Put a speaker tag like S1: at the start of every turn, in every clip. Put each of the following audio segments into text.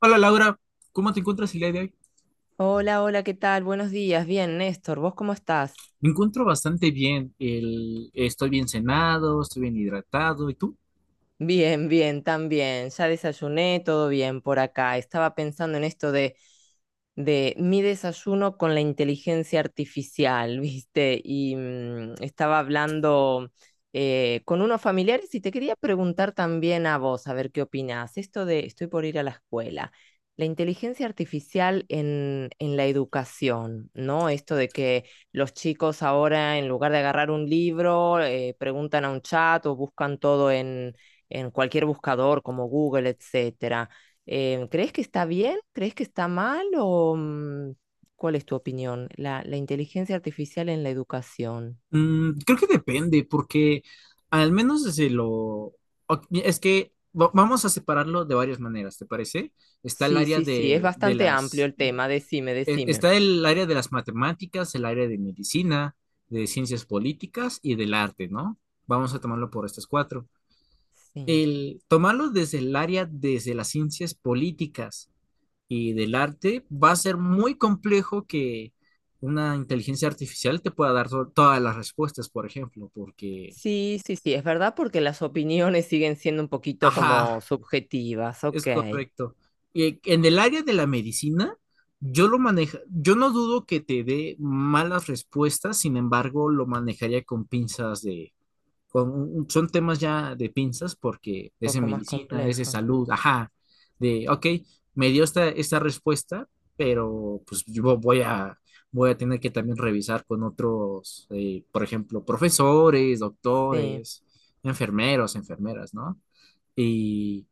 S1: Hola Laura, ¿cómo te encuentras el día de hoy?
S2: Hola, hola, ¿qué tal? Buenos días. Bien, Néstor, ¿vos cómo estás?
S1: Me encuentro bastante bien. Estoy bien cenado, estoy bien hidratado. ¿Y tú?
S2: Bien, bien, también. Ya desayuné, todo bien por acá. Estaba pensando en esto de mi desayuno con la inteligencia artificial, ¿viste? Y estaba hablando con unos familiares y te quería preguntar también a vos, a ver qué opinás. Esto de estoy por ir a la escuela. La inteligencia artificial en la educación, ¿no? Esto de que los chicos ahora, en lugar de agarrar un libro, preguntan a un chat o buscan todo en cualquier buscador como Google, etcétera. ¿Crees que está bien? ¿Crees que está mal? ¿O cuál es tu opinión? La inteligencia artificial en la educación.
S1: Creo que depende, porque al menos desde es que vamos a separarlo de varias maneras, ¿te parece? Está el
S2: Sí,
S1: área
S2: sí, sí, es
S1: de
S2: bastante amplio
S1: las...
S2: el tema. Decime, decime.
S1: Está el área de las matemáticas, el área de medicina, de ciencias políticas y del arte, ¿no? Vamos a tomarlo por estas cuatro.
S2: Sí.
S1: El tomarlo desde el área, desde las ciencias políticas y del arte, va a ser muy complejo que una inteligencia artificial te pueda dar todas las respuestas, por ejemplo, porque,
S2: Sí, sí, sí, es verdad porque las opiniones siguen siendo un poquito
S1: ajá,
S2: como subjetivas,
S1: es
S2: ok, un
S1: correcto. Y en el área de la medicina, yo lo manejo, yo no dudo que te dé malas respuestas, sin embargo, lo manejaría con pinzas de son temas ya de pinzas porque es de
S2: poco más
S1: medicina, es de
S2: complejo.
S1: salud, ajá, de, ok, me dio esta respuesta, pero pues voy a tener que también revisar con otros, por ejemplo, profesores,
S2: Sí,
S1: doctores, enfermeros, enfermeras, ¿no? Y,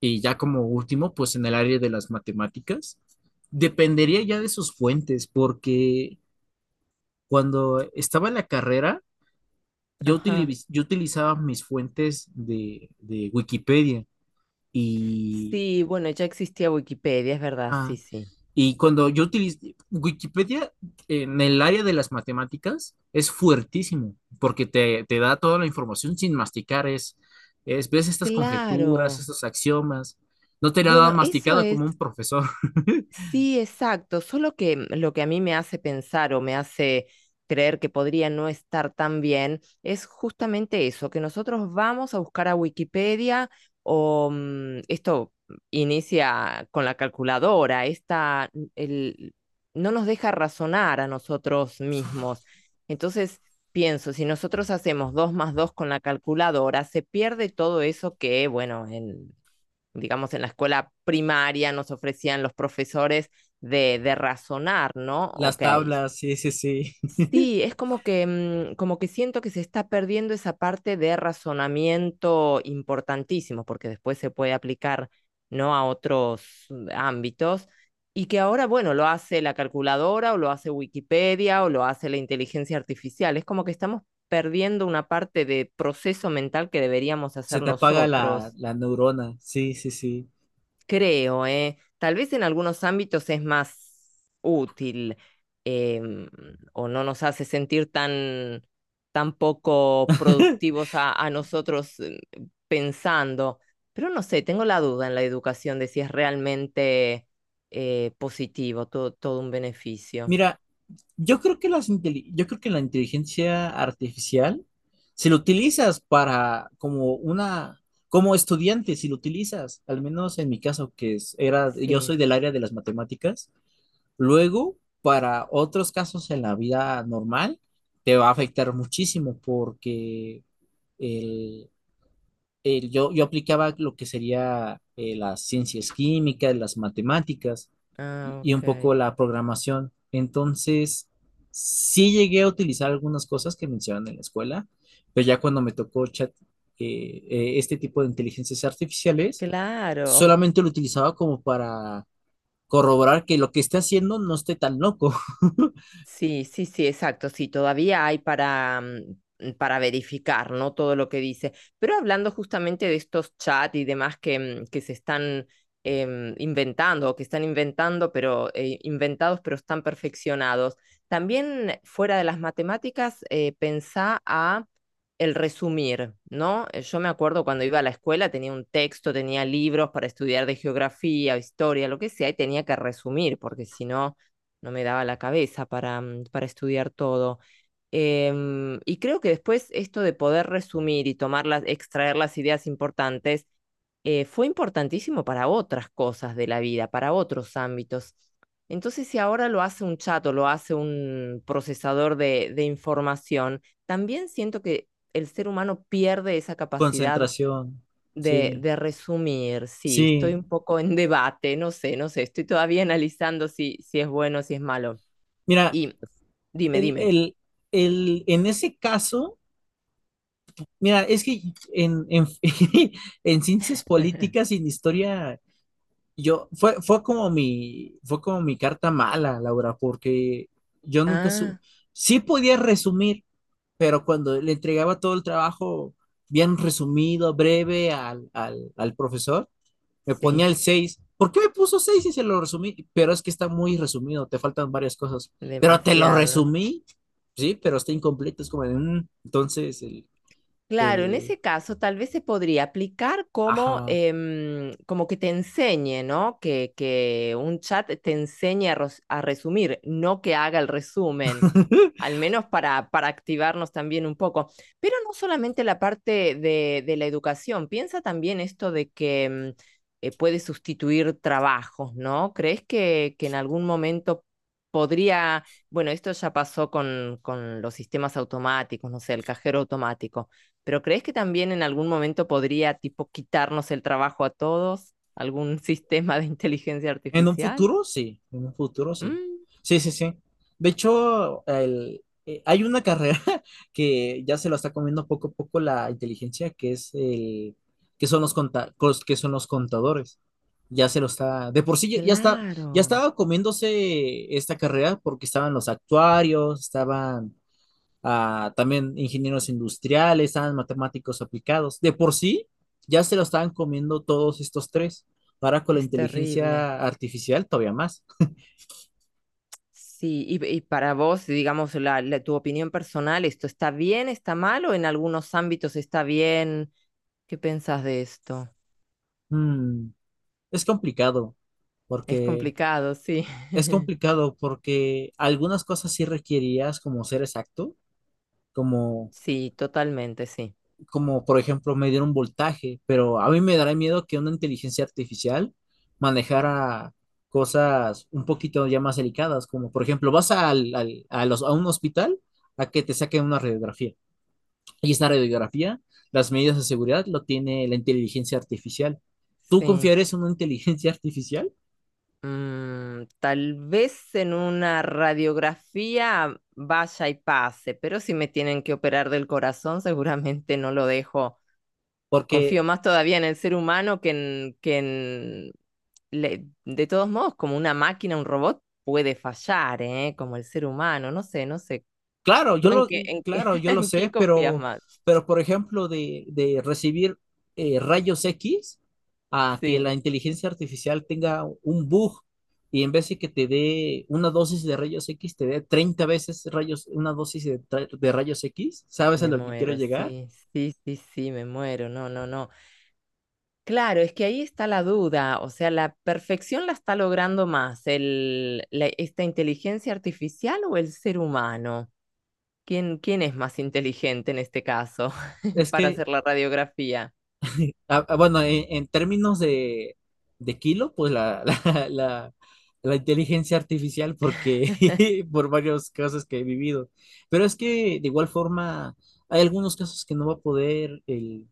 S1: y ya como último, pues en el área de las matemáticas, dependería ya de sus fuentes, porque cuando estaba en la carrera, yo,
S2: ajá.
S1: yo utilizaba mis fuentes de Wikipedia y,
S2: Sí, bueno, ya existía Wikipedia, es verdad,
S1: ah,
S2: sí, sí.
S1: y cuando yo utilizo Wikipedia en el área de las matemáticas es fuertísimo porque te da toda la información sin masticar, ves estas
S2: Claro.
S1: conjeturas, estos axiomas, no te la da
S2: Bueno, eso
S1: masticado
S2: es.
S1: como un profesor.
S2: Sí, exacto. Solo que lo que a mí me hace pensar o me hace creer que podría no estar tan bien es justamente eso, que nosotros vamos a buscar a Wikipedia o esto inicia con la calculadora, esta, no nos deja razonar a nosotros mismos. Entonces, pienso, si nosotros hacemos dos más dos con la calculadora, se pierde todo eso que, bueno, en digamos, en la escuela primaria nos ofrecían los profesores de razonar, ¿no?
S1: Las
S2: Ok.
S1: tablas, sí, sí, sí.
S2: Sí, es como que siento que se está perdiendo esa parte de razonamiento importantísimo, porque después se puede aplicar, ¿no? A otros ámbitos y que ahora, bueno, lo hace la calculadora o lo hace Wikipedia o lo hace la inteligencia artificial. Es como que estamos perdiendo una parte de proceso mental que deberíamos
S1: Se
S2: hacer
S1: te apaga
S2: nosotros.
S1: la neurona, sí, sí, sí.
S2: Creo, ¿eh? Tal vez en algunos ámbitos es más útil em, o no nos hace sentir tan, tan poco productivos a nosotros pensando, pero no sé, tengo la duda en la educación de si es realmente positivo, todo un beneficio.
S1: Mira, yo creo que la inteligencia artificial, si lo utilizas para como una, como estudiante, si lo utilizas, al menos en mi caso, era, yo
S2: Sí,
S1: soy del área de las matemáticas, luego para otros casos en la vida normal, te va a afectar muchísimo porque el, yo, yo aplicaba lo que sería las ciencias químicas, las matemáticas
S2: ah,
S1: y un poco
S2: ok.
S1: la programación. Entonces, sí llegué a utilizar algunas cosas que mencionan en la escuela, pero ya cuando me tocó chat, este tipo de inteligencias artificiales,
S2: Claro.
S1: solamente lo utilizaba como para corroborar que lo que esté haciendo no esté tan loco.
S2: Sí, sí, sí, exacto. Sí, todavía hay para verificar, ¿no? Todo lo que dice. Pero hablando justamente de estos chats y demás que se están inventando, o que están inventando, pero inventados, pero están perfeccionados. También fuera de las matemáticas, pensá a el resumir, ¿no? Yo me acuerdo cuando iba a la escuela, tenía un texto, tenía libros para estudiar de geografía, historia, lo que sea, y tenía que resumir, porque si no, no me daba la cabeza para estudiar todo. Y creo que después esto de poder resumir y tomar las, extraer las ideas importantes fue importantísimo para otras cosas de la vida, para otros ámbitos. Entonces, si ahora lo hace un chat o lo hace un procesador de información, también siento que el ser humano pierde esa capacidad
S1: Concentración,
S2: de,
S1: sí,
S2: de resumir. Sí, estoy
S1: sí.
S2: un poco en debate, no sé, no sé, estoy todavía analizando si es bueno si es malo.
S1: Mira,
S2: Y dime,
S1: el,
S2: dime.
S1: el, en ese caso... Mira, es que en, en, en ciencias políticas y en historia, yo, fue como mi carta mala, Laura, porque yo nunca su,
S2: Ah,
S1: sí podía resumir, pero cuando le entregaba todo el trabajo bien resumido, breve al profesor, me ponía
S2: sí,
S1: el seis. ¿Por qué me puso 6 si se lo resumí? Pero es que está muy resumido, te faltan varias cosas. Pero te lo
S2: demasiado.
S1: resumí, sí, pero está incompleto, es como de, entonces
S2: Claro, en
S1: el,
S2: ese caso tal vez se podría aplicar como,
S1: ajá.
S2: em, como que te enseñe, ¿no? Que un chat te enseñe a resumir, no que haga el resumen, al menos para activarnos también un poco. Pero no solamente la parte de la educación, piensa también esto de que puede sustituir trabajos, ¿no? ¿Crees que en algún momento podría, bueno, esto ya pasó con los sistemas automáticos, no sé, el cajero automático? Pero ¿crees que también en algún momento podría, tipo, quitarnos el trabajo a todos? ¿Algún sistema de inteligencia
S1: En un
S2: artificial?
S1: futuro, sí. En un futuro, sí.
S2: Mm,
S1: Sí, sí, sí. De hecho, hay una carrera que ya se lo está comiendo poco a poco la inteligencia, que es el, que son los que son los contadores. Ya se lo está, de por sí ya está, ya
S2: claro,
S1: estaba comiéndose esta carrera porque estaban los actuarios, estaban a también ingenieros industriales, estaban matemáticos aplicados. De por sí, ya se lo estaban comiendo todos estos tres. Ahora con la
S2: es terrible.
S1: inteligencia artificial todavía más.
S2: Sí, y para vos, digamos, tu opinión personal, ¿esto está bien, está mal o en algunos ámbitos está bien? ¿Qué pensás de esto?
S1: Mm, es complicado
S2: Es
S1: porque
S2: complicado, sí.
S1: es complicado porque algunas cosas sí requerías como ser exacto, como
S2: Sí, totalmente, sí.
S1: como por ejemplo medir un voltaje, pero a mí me dará miedo que una inteligencia artificial manejara cosas un poquito ya más delicadas, como por ejemplo vas a un hospital a que te saquen una radiografía. Y esta radiografía, las medidas de seguridad lo tiene la inteligencia artificial. ¿Tú
S2: Sí.
S1: confiarías en una inteligencia artificial?
S2: Tal vez en una radiografía vaya y pase, pero si me tienen que operar del corazón, seguramente no lo dejo.
S1: Porque
S2: Confío más todavía en el ser humano que en. De todos modos, como una máquina, un robot puede fallar, ¿eh? Como el ser humano, no sé, no sé.
S1: claro,
S2: ¿Tú
S1: claro, yo lo
S2: en qué
S1: sé,
S2: confías más?
S1: pero por ejemplo, de recibir rayos X a que
S2: Sí,
S1: la inteligencia artificial tenga un bug y en vez de que te dé una dosis de rayos X, te dé 30 veces rayos, una dosis de, de rayos X, ¿sabes a
S2: me
S1: lo que quiero
S2: muero,
S1: llegar?
S2: sí, sí, sí, sí, me muero, no, no, no. Claro, es que ahí está la duda, o sea, la perfección la está logrando más esta inteligencia artificial o el ser humano. ¿Quién es más inteligente en este caso
S1: Es
S2: para
S1: que
S2: hacer la radiografía?
S1: ah, ah, bueno, en términos de kilo, pues la, la- la inteligencia artificial, porque por varios casos que he vivido. Pero es que de igual forma, hay algunos casos que no va a poder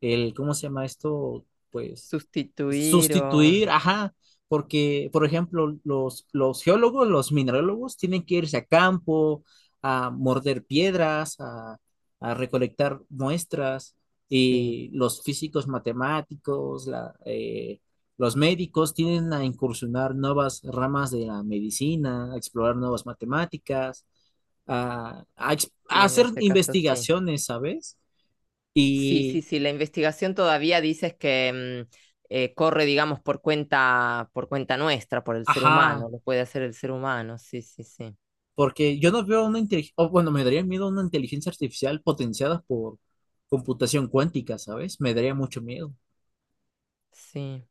S1: el, ¿cómo se llama esto? Pues
S2: Sustituir o...
S1: sustituir, ajá, porque, por ejemplo, los geólogos, los minerólogos tienen que irse a campo, a morder piedras, a recolectar muestras,
S2: Sí,
S1: y los físicos matemáticos, los médicos tienen a incursionar nuevas ramas de la medicina, a explorar nuevas matemáticas, a
S2: sí, en
S1: hacer
S2: este caso sí.
S1: investigaciones, ¿sabes?
S2: Sí, sí,
S1: Y,
S2: sí, la investigación todavía dices que corre, digamos, por cuenta nuestra, por el ser
S1: ajá,
S2: humano, lo puede hacer el ser humano, sí, sí, sí.
S1: porque yo no veo una inteligencia, o bueno, me daría miedo una inteligencia artificial potenciada por computación cuántica, ¿sabes? Me daría mucho miedo.
S2: Sí.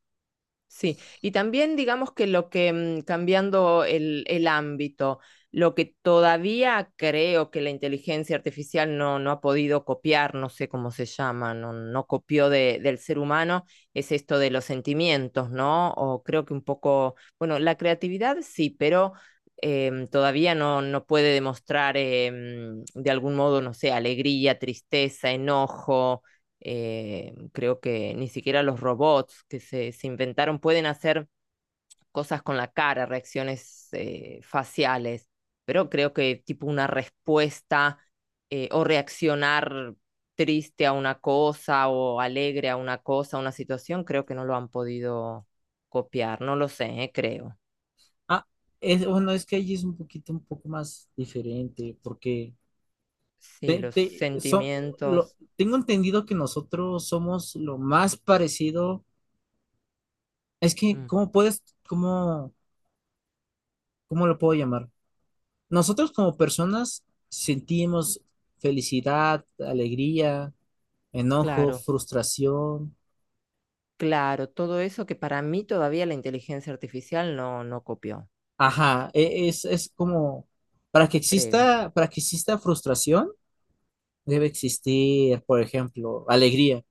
S2: Sí, y también digamos que lo que, cambiando el ámbito, lo que todavía creo que la inteligencia artificial no ha podido copiar, no sé cómo se llama, no copió del ser humano, es esto de los sentimientos, ¿no? O creo que un poco, bueno, la creatividad sí, pero todavía no puede demostrar de algún modo, no sé, alegría, tristeza, enojo, creo que ni siquiera los robots que se inventaron pueden hacer cosas con la cara, reacciones faciales, pero creo que tipo una respuesta, o reaccionar triste a una cosa o alegre a una cosa, a una situación, creo que no lo han podido copiar, no lo sé, creo.
S1: Ah, es, bueno, es que allí es un poquito, un poco más diferente, porque
S2: Sí,
S1: te-
S2: los
S1: te- so-
S2: sentimientos,
S1: tengo entendido que nosotros somos lo más parecido. Es que,
S2: mm,
S1: ¿cómo puedes, cómo, cómo lo puedo llamar? Nosotros como personas sentimos felicidad, alegría, enojo,
S2: claro,
S1: frustración.
S2: claro, todo eso que para mí todavía la inteligencia artificial no copió,
S1: Ajá, es como,
S2: creo.
S1: para que exista frustración, debe existir, por ejemplo, alegría.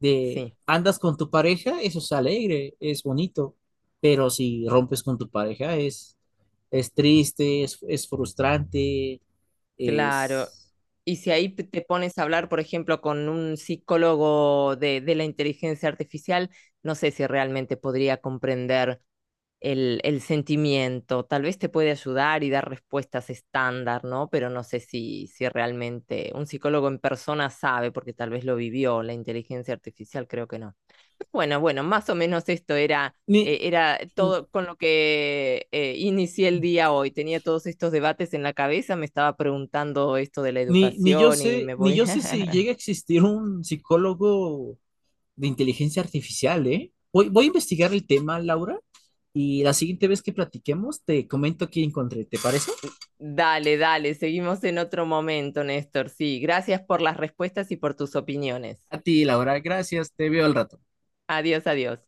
S1: De
S2: Sí,
S1: andas con tu pareja, eso es alegre, es bonito, pero si rompes con tu pareja, es triste, es frustrante, es...
S2: claro. Y si ahí te pones a hablar, por ejemplo, con un psicólogo de la inteligencia artificial, no sé si realmente podría comprender el sentimiento. Tal vez te puede ayudar y dar respuestas estándar, ¿no? Pero no sé si realmente un psicólogo en persona sabe, porque tal vez lo vivió, la inteligencia artificial creo que no. Pero bueno, más o menos esto era,
S1: Ni,
S2: era todo con lo que inicié el día hoy. Tenía todos estos debates en la cabeza, me estaba preguntando esto de la
S1: ni yo
S2: educación y
S1: sé,
S2: me
S1: ni
S2: voy.
S1: yo sé si llega a existir un psicólogo de inteligencia artificial, ¿eh? Voy, voy a investigar el tema, Laura. Y la siguiente vez que platiquemos, te comento qué encontré. ¿Te parece?
S2: Dale, dale, seguimos en otro momento, Néstor. Sí, gracias por las respuestas y por tus opiniones.
S1: A ti, Laura, gracias. Te veo al rato.
S2: Adiós, adiós.